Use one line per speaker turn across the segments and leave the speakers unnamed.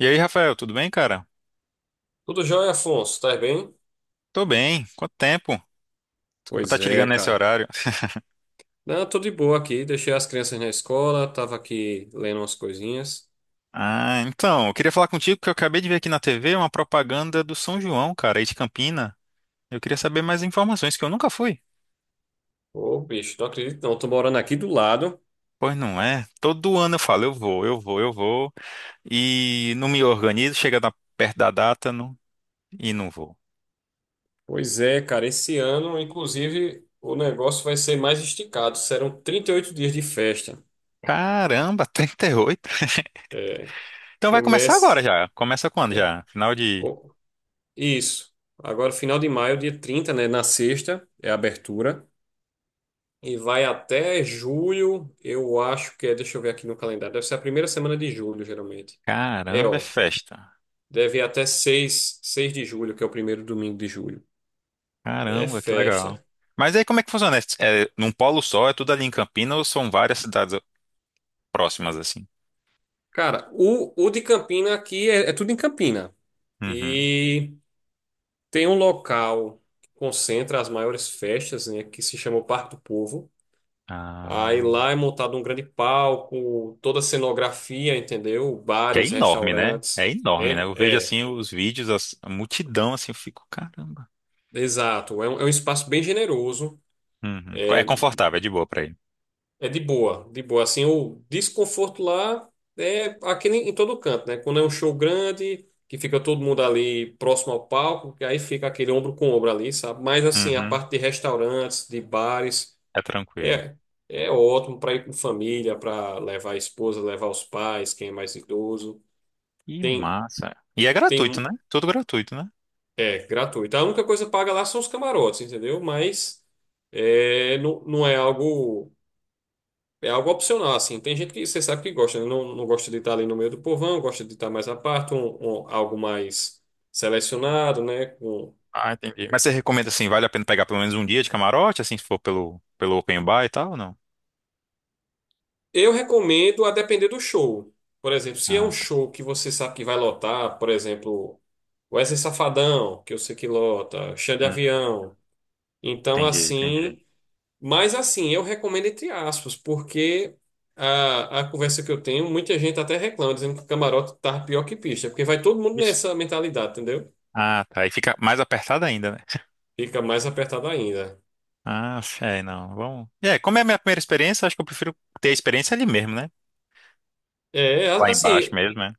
E aí, Rafael, tudo bem, cara?
Tudo jóia, Afonso? Tá bem?
Tô bem. Quanto tempo? Desculpa estar
Pois
te
é,
ligando nesse
cara.
horário.
Não, tô de boa aqui. Deixei as crianças na escola, tava aqui lendo umas coisinhas.
Ah, então, eu queria falar contigo que eu acabei de ver aqui na TV uma propaganda do São João, cara, aí de Campina. Eu queria saber mais informações, que eu nunca fui.
Ô, bicho, não acredito! Não, tô morando aqui do lado.
Pois não é? Todo ano eu falo, eu vou, eu vou, eu vou. E não me organizo, perto da data não- e não vou.
Pois é, cara. Esse ano, inclusive, o negócio vai ser mais esticado. Serão 38 dias de festa.
Caramba, 38. Então vai começar
Começa.
agora já. Começa quando
É,
já? Final de.
co- Isso. Agora, final de maio, dia 30, né? Na sexta, é a abertura. E vai até julho, eu acho que é. Deixa eu ver aqui no calendário. Deve ser a primeira semana de julho, geralmente. É,
Caramba, é
ó.
festa.
Deve ir até seis de julho, que é o primeiro domingo de julho. É
Caramba, que legal.
festa.
Mas aí como é que funciona? É num polo só, é tudo ali em Campinas ou são várias cidades próximas assim?
Cara, o de Campina aqui é tudo em Campina.
Uhum.
E tem um local que concentra as maiores festas, né, que se chama o Parque do Povo. Aí
Ah,
lá é montado um grande palco, toda a cenografia, entendeu?
que é
Bares,
enorme, né? É
restaurantes.
enorme, né? Eu vejo assim os vídeos, a multidão assim, eu fico, caramba.
Exato. É um espaço bem generoso.
Uhum.
É
É confortável, é de boa pra ir.
É de boa, de boa. Assim, o desconforto lá é aqui em todo canto, né? Quando é um show grande, que fica todo mundo ali próximo ao palco, que aí fica aquele ombro com ombro ali, sabe? Mas assim, a
Uhum.
parte de restaurantes, de bares,
É tranquilo.
é, é ótimo para ir com família, para levar a esposa, levar os pais, quem é mais idoso.
Que
Tem,
massa. E é gratuito,
tem,
né? Tudo gratuito, né?
é gratuito. A única coisa paga lá são os camarotes, entendeu? Mas não, não é algo. É algo opcional, assim. Tem gente que você sabe que gosta, né? Não, não gosta de estar ali no meio do povão, gosta de estar mais à parte, algo mais selecionado, né?
Ah, entendi. Mas você recomenda assim, vale a pena pegar pelo menos um dia de camarote, assim, se for pelo open bar e tal, ou não?
Eu recomendo a depender do show. Por exemplo, se é um
Ah, tá.
show que você sabe que vai lotar, por exemplo, Wesley Safadão, que eu sei que lota, Xande
Hum,
Avião. Então,
entendi, entendi.
assim. Mas, assim, eu recomendo entre aspas, porque a conversa que eu tenho, muita gente até reclama, dizendo que o camarote tá pior que pista, porque vai todo mundo nessa mentalidade, entendeu?
Ah, tá. Aí fica mais apertado ainda, né?
Fica mais apertado ainda.
Ah, é, não. Vamos. É, como é a minha primeira experiência, acho que eu prefiro ter a experiência ali mesmo, né?
É,
Lá
a-
embaixo
assim,
mesmo, né?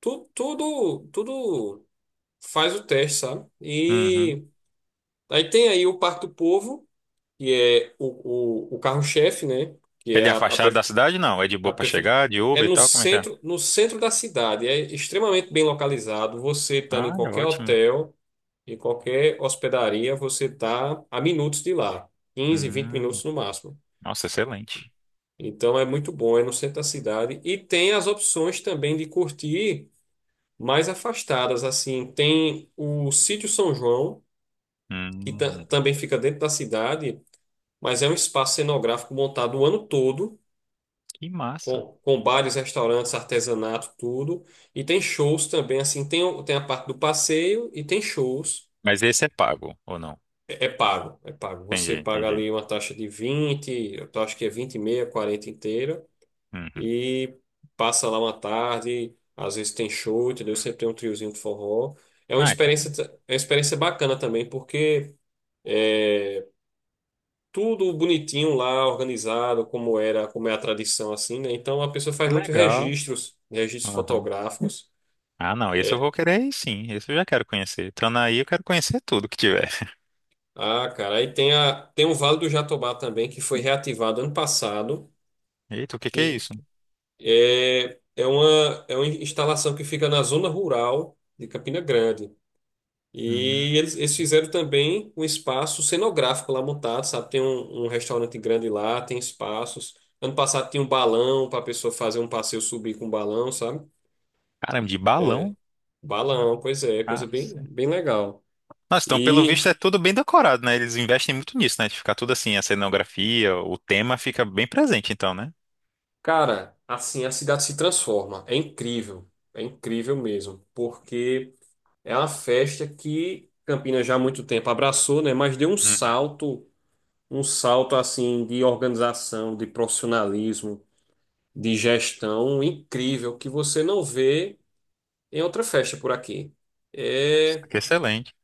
tudo faz o teste, sabe?
Uhum.
E aí tem aí o Parque do Povo, que é o carro-chefe, né? Que é
Ele é
a,
afastado da
pre-
cidade? Não. É de
a
boa pra
prefe-
chegar, de
É
Uber e
no
tal? Como é que é?
centro, no centro da cidade, é extremamente bem localizado. Você estando em
Ah, é
qualquer
ótimo.
hotel, em qualquer hospedaria, você está a minutos de lá, quinze, vinte
Hum.
minutos no máximo.
Nossa, excelente.
Então é muito bom, é no centro da cidade. E tem as opções também de curtir mais afastadas, assim. Tem o Sítio São João, que
Hum.
também fica dentro da cidade, mas é um espaço cenográfico montado o ano todo,
Que massa.
com bares, restaurantes, artesanato, tudo. E tem shows também, assim, tem a parte do passeio e tem shows.
Mas esse é pago, ou não?
É, é pago, é pago.
Entendi,
Você paga
entendi.
ali uma taxa de vinte, eu acho que é 20 e meia, 40 inteira.
Uhum.
E passa lá uma tarde, às vezes tem show, entendeu? Sempre tem um triozinho de forró. É uma
Ah,
experiência,
então,
é uma experiência bacana também, porque é tudo bonitinho lá, organizado, como era, como é a tradição assim, né? Então a pessoa
que
faz muitos
legal.
registros, registros
Uhum.
fotográficos.
Ah, não, esse eu
É.
vou querer ir, sim. Esse eu já quero conhecer. Entrando aí, eu quero conhecer tudo que tiver.
Ah, cara, aí tem o Vale do Jatobá também, que foi reativado ano passado,
Eita, o que que é
que
isso?
é uma instalação que fica na zona rural de Campina Grande.
Hum.
E eles fizeram também um espaço cenográfico lá montado, sabe? Tem um restaurante grande lá, tem espaços. Ano passado tinha um balão para a pessoa fazer um passeio, subir com um balão, sabe?
Caramba, de balão?
Balão, pois é, coisa bem,
Caraca.
bem legal.
Nossa, então pelo visto
E,
é tudo bem decorado, né? Eles investem muito nisso, né? De ficar tudo assim, a cenografia, o tema fica bem presente, então, né?
cara, assim, a cidade se transforma. É incrível mesmo, porque é uma festa que Campinas já há muito tempo abraçou, né? Mas deu
Uhum.
um salto assim de organização, de profissionalismo, de gestão incrível que você não vê em outra festa por aqui.
Nossa,
É,
que excelente.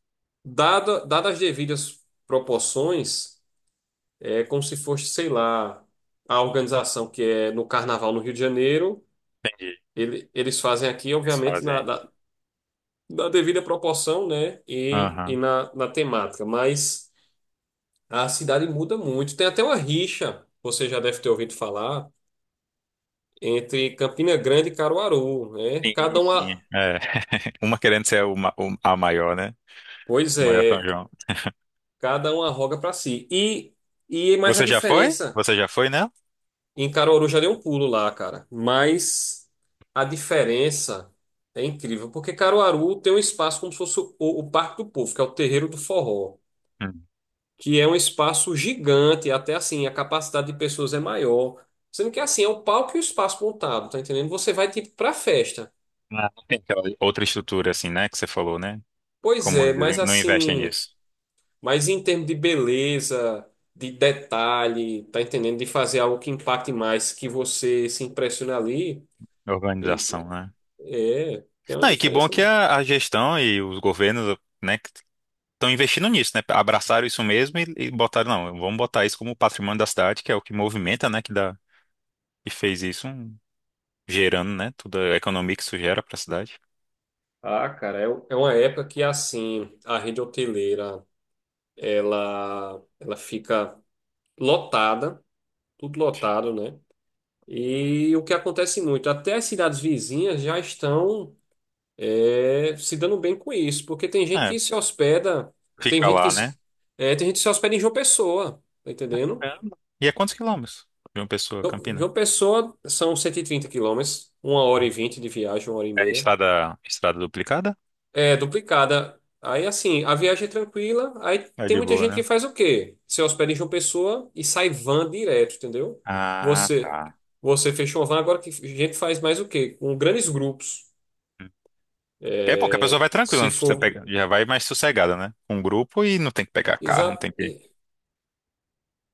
dadas as devidas proporções, é como se fosse, sei lá, a organização que é no Carnaval no Rio de Janeiro,
Entendi. O
eles fazem aqui,
que eles
obviamente,
fazem
na,
aí.
na, na devida proporção, né? E, e
Aham.
na, na temática, mas a cidade muda muito. Tem até uma rixa, você já deve ter ouvido falar, entre Campina Grande e Caruaru, né?
Sim,
Cada
sim.
uma.
É. Uma querendo ser a maior, né?
Pois
O maior São
é,
João.
cada um arroga pra si. E mais a
Você já foi?
diferença.
Você já foi, né?
Em Caruaru já deu um pulo lá, cara. Mas a diferença é incrível. Porque Caruaru tem um espaço como se fosse o Parque do Povo, que é o Terreiro do Forró.
Hum.
Que é um espaço gigante. Até assim, a capacidade de pessoas é maior. Sendo que assim, é o palco e o espaço montado, tá entendendo? Você vai tipo pra festa.
Ah, não tem aquela outra estrutura assim, né? Que você falou, né?
Pois
Como
é,
eles
mas
não investem
assim.
nisso.
Mas em termos de beleza, de detalhe, tá entendendo? De fazer algo que impacte mais, que você se impressione ali, e-
Organização, né?
tem uma
Não, e que bom
diferença.
que a gestão e os governos, né? Estão investindo nisso, né? Abraçaram isso mesmo e botaram, não, vamos botar isso como patrimônio da cidade, que é o que movimenta, né? Que dá, e fez isso, um- gerando, né? Toda a economia que isso gera para a cidade.
Ah, cara, é uma época que assim, a rede hoteleira, ela fica lotada, tudo lotado, né? E o que acontece muito, até as cidades vizinhas já estão, se dando bem com isso, porque tem gente que
É,
se hospeda, tem
fica
gente que
lá, né?
se, tem gente que se hospeda em João Pessoa, tá entendendo?
É. E é quantos quilômetros de uma pessoa,
Então,
Campina?
João Pessoa são 130 quilômetros, 1h20 de viagem, uma hora e
É
meia.
estrada, estrada duplicada?
É, duplicada. Aí, assim, a viagem é tranquila, aí
É
tem
de
muita
boa,
gente que
né?
faz o quê? Se hospeda em João Pessoa e sai van direto, entendeu?
Ah,
Você,
tá.
você fechou uma van, agora que a gente faz mais o quê? Com grandes grupos.
É bom que a pessoa vai tranquila, não
Se
precisa
for...
pegar, já vai mais sossegada, né? Com um grupo e não tem que pegar carro, não tem
Exato.
que.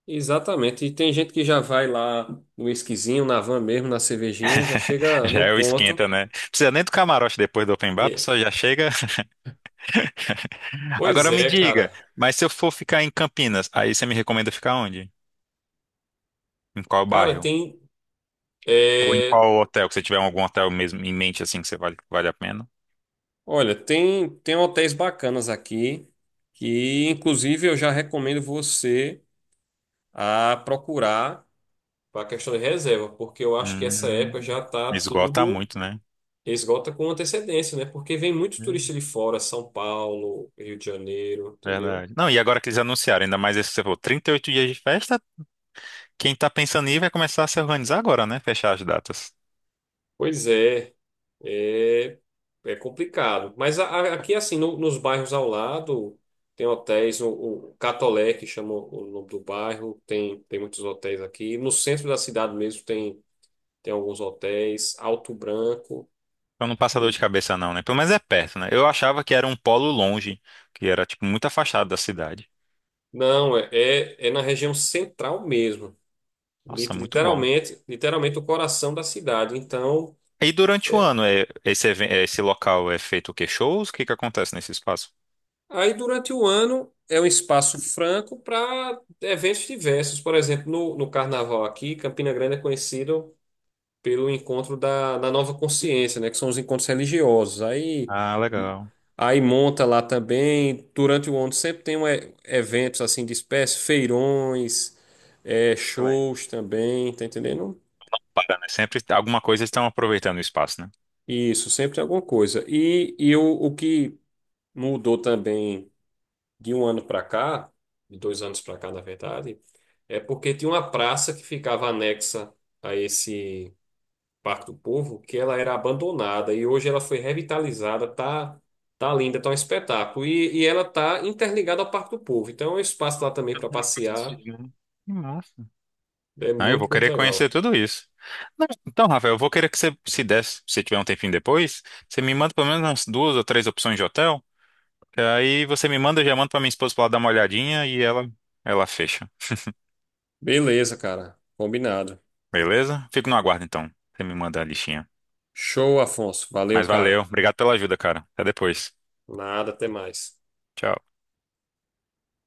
Exatamente. E tem gente que já vai lá no esquisinho, na van mesmo, na cervejinha, já chega
Já
no
é o
ponto.
esquenta, né? Precisa nem do camarote depois do open bar, a
E-
pessoa já chega.
Pois
Agora me
é,
diga,
cara.
mas se eu for ficar em Campinas, aí você me recomenda ficar onde? Em qual
Cara,
bairro?
tem.
Ou em
é,
qual hotel? Que você tiver algum hotel mesmo em mente assim que você vale a pena?
Olha, tem hotéis bacanas aqui que, inclusive, eu já recomendo você a procurar para a questão de reserva, porque eu acho que essa época
Hum,
já tá
esgota
tudo,
muito, né?
esgota com antecedência, né? Porque vem muito
Hum,
turista de fora, São Paulo, Rio de Janeiro, entendeu?
verdade. Não, e agora que eles anunciaram, ainda mais esse que você falou, 38 dias de festa, quem tá pensando em ir vai começar a se organizar agora, né? Fechar as datas.
Pois é, é, é complicado. Mas aqui, assim, nos bairros ao lado, tem hotéis, o Catolé, que chama o nome do bairro, tem tem muitos hotéis aqui. No centro da cidade mesmo tem alguns hotéis, Alto Branco.
Então não passa dor
E-
de cabeça não, né? Pelo menos é perto, né? Eu achava que era um polo longe, que era tipo muito afastado da cidade.
não, é na região central mesmo.
Nossa, muito bom.
Literalmente, literalmente o coração da cidade. Então.
E durante o
é,
ano, é, esse, esse local é feito o quê? Shows? O que que acontece nesse espaço?
Aí, durante o ano, é um espaço franco para eventos diversos. Por exemplo, no carnaval aqui, Campina Grande é conhecido pelo encontro da Nova Consciência, né? Que são os encontros religiosos. Aí,
Ah, legal.
aí monta lá também, durante o ano, sempre tem eventos assim de espécie, feirões,
Excelente.
shows também, tá entendendo?
Para, né? Sempre alguma coisa estão aproveitando o espaço, né?
Isso, sempre tem alguma coisa. E o que mudou também de um ano para cá, de dois anos para cá, na verdade, é porque tinha uma praça que ficava anexa a esse Parque do Povo, que ela era abandonada e hoje ela foi revitalizada, tá linda, tá um espetáculo. E ela tá interligada ao Parque do Povo, então é um espaço lá também para
Alguma coisa assim,
passear,
né? Que massa.
é
Ah, eu vou
muito, muito
querer conhecer
legal.
tudo isso. Não, então, Rafael, eu vou querer que você, se desse, se tiver um tempinho depois, você me manda pelo menos umas 2 ou 3 opções de hotel. Que Aí você me manda, eu já mando pra minha esposa pra ela dar uma olhadinha e ela fecha.
Beleza, cara. Combinado.
Beleza? Fico no aguardo, então. Você me manda a listinha.
Show, Afonso. Valeu,
Mas
cara.
valeu. Obrigado pela ajuda, cara. Até depois.
Nada, até mais.
Tchau.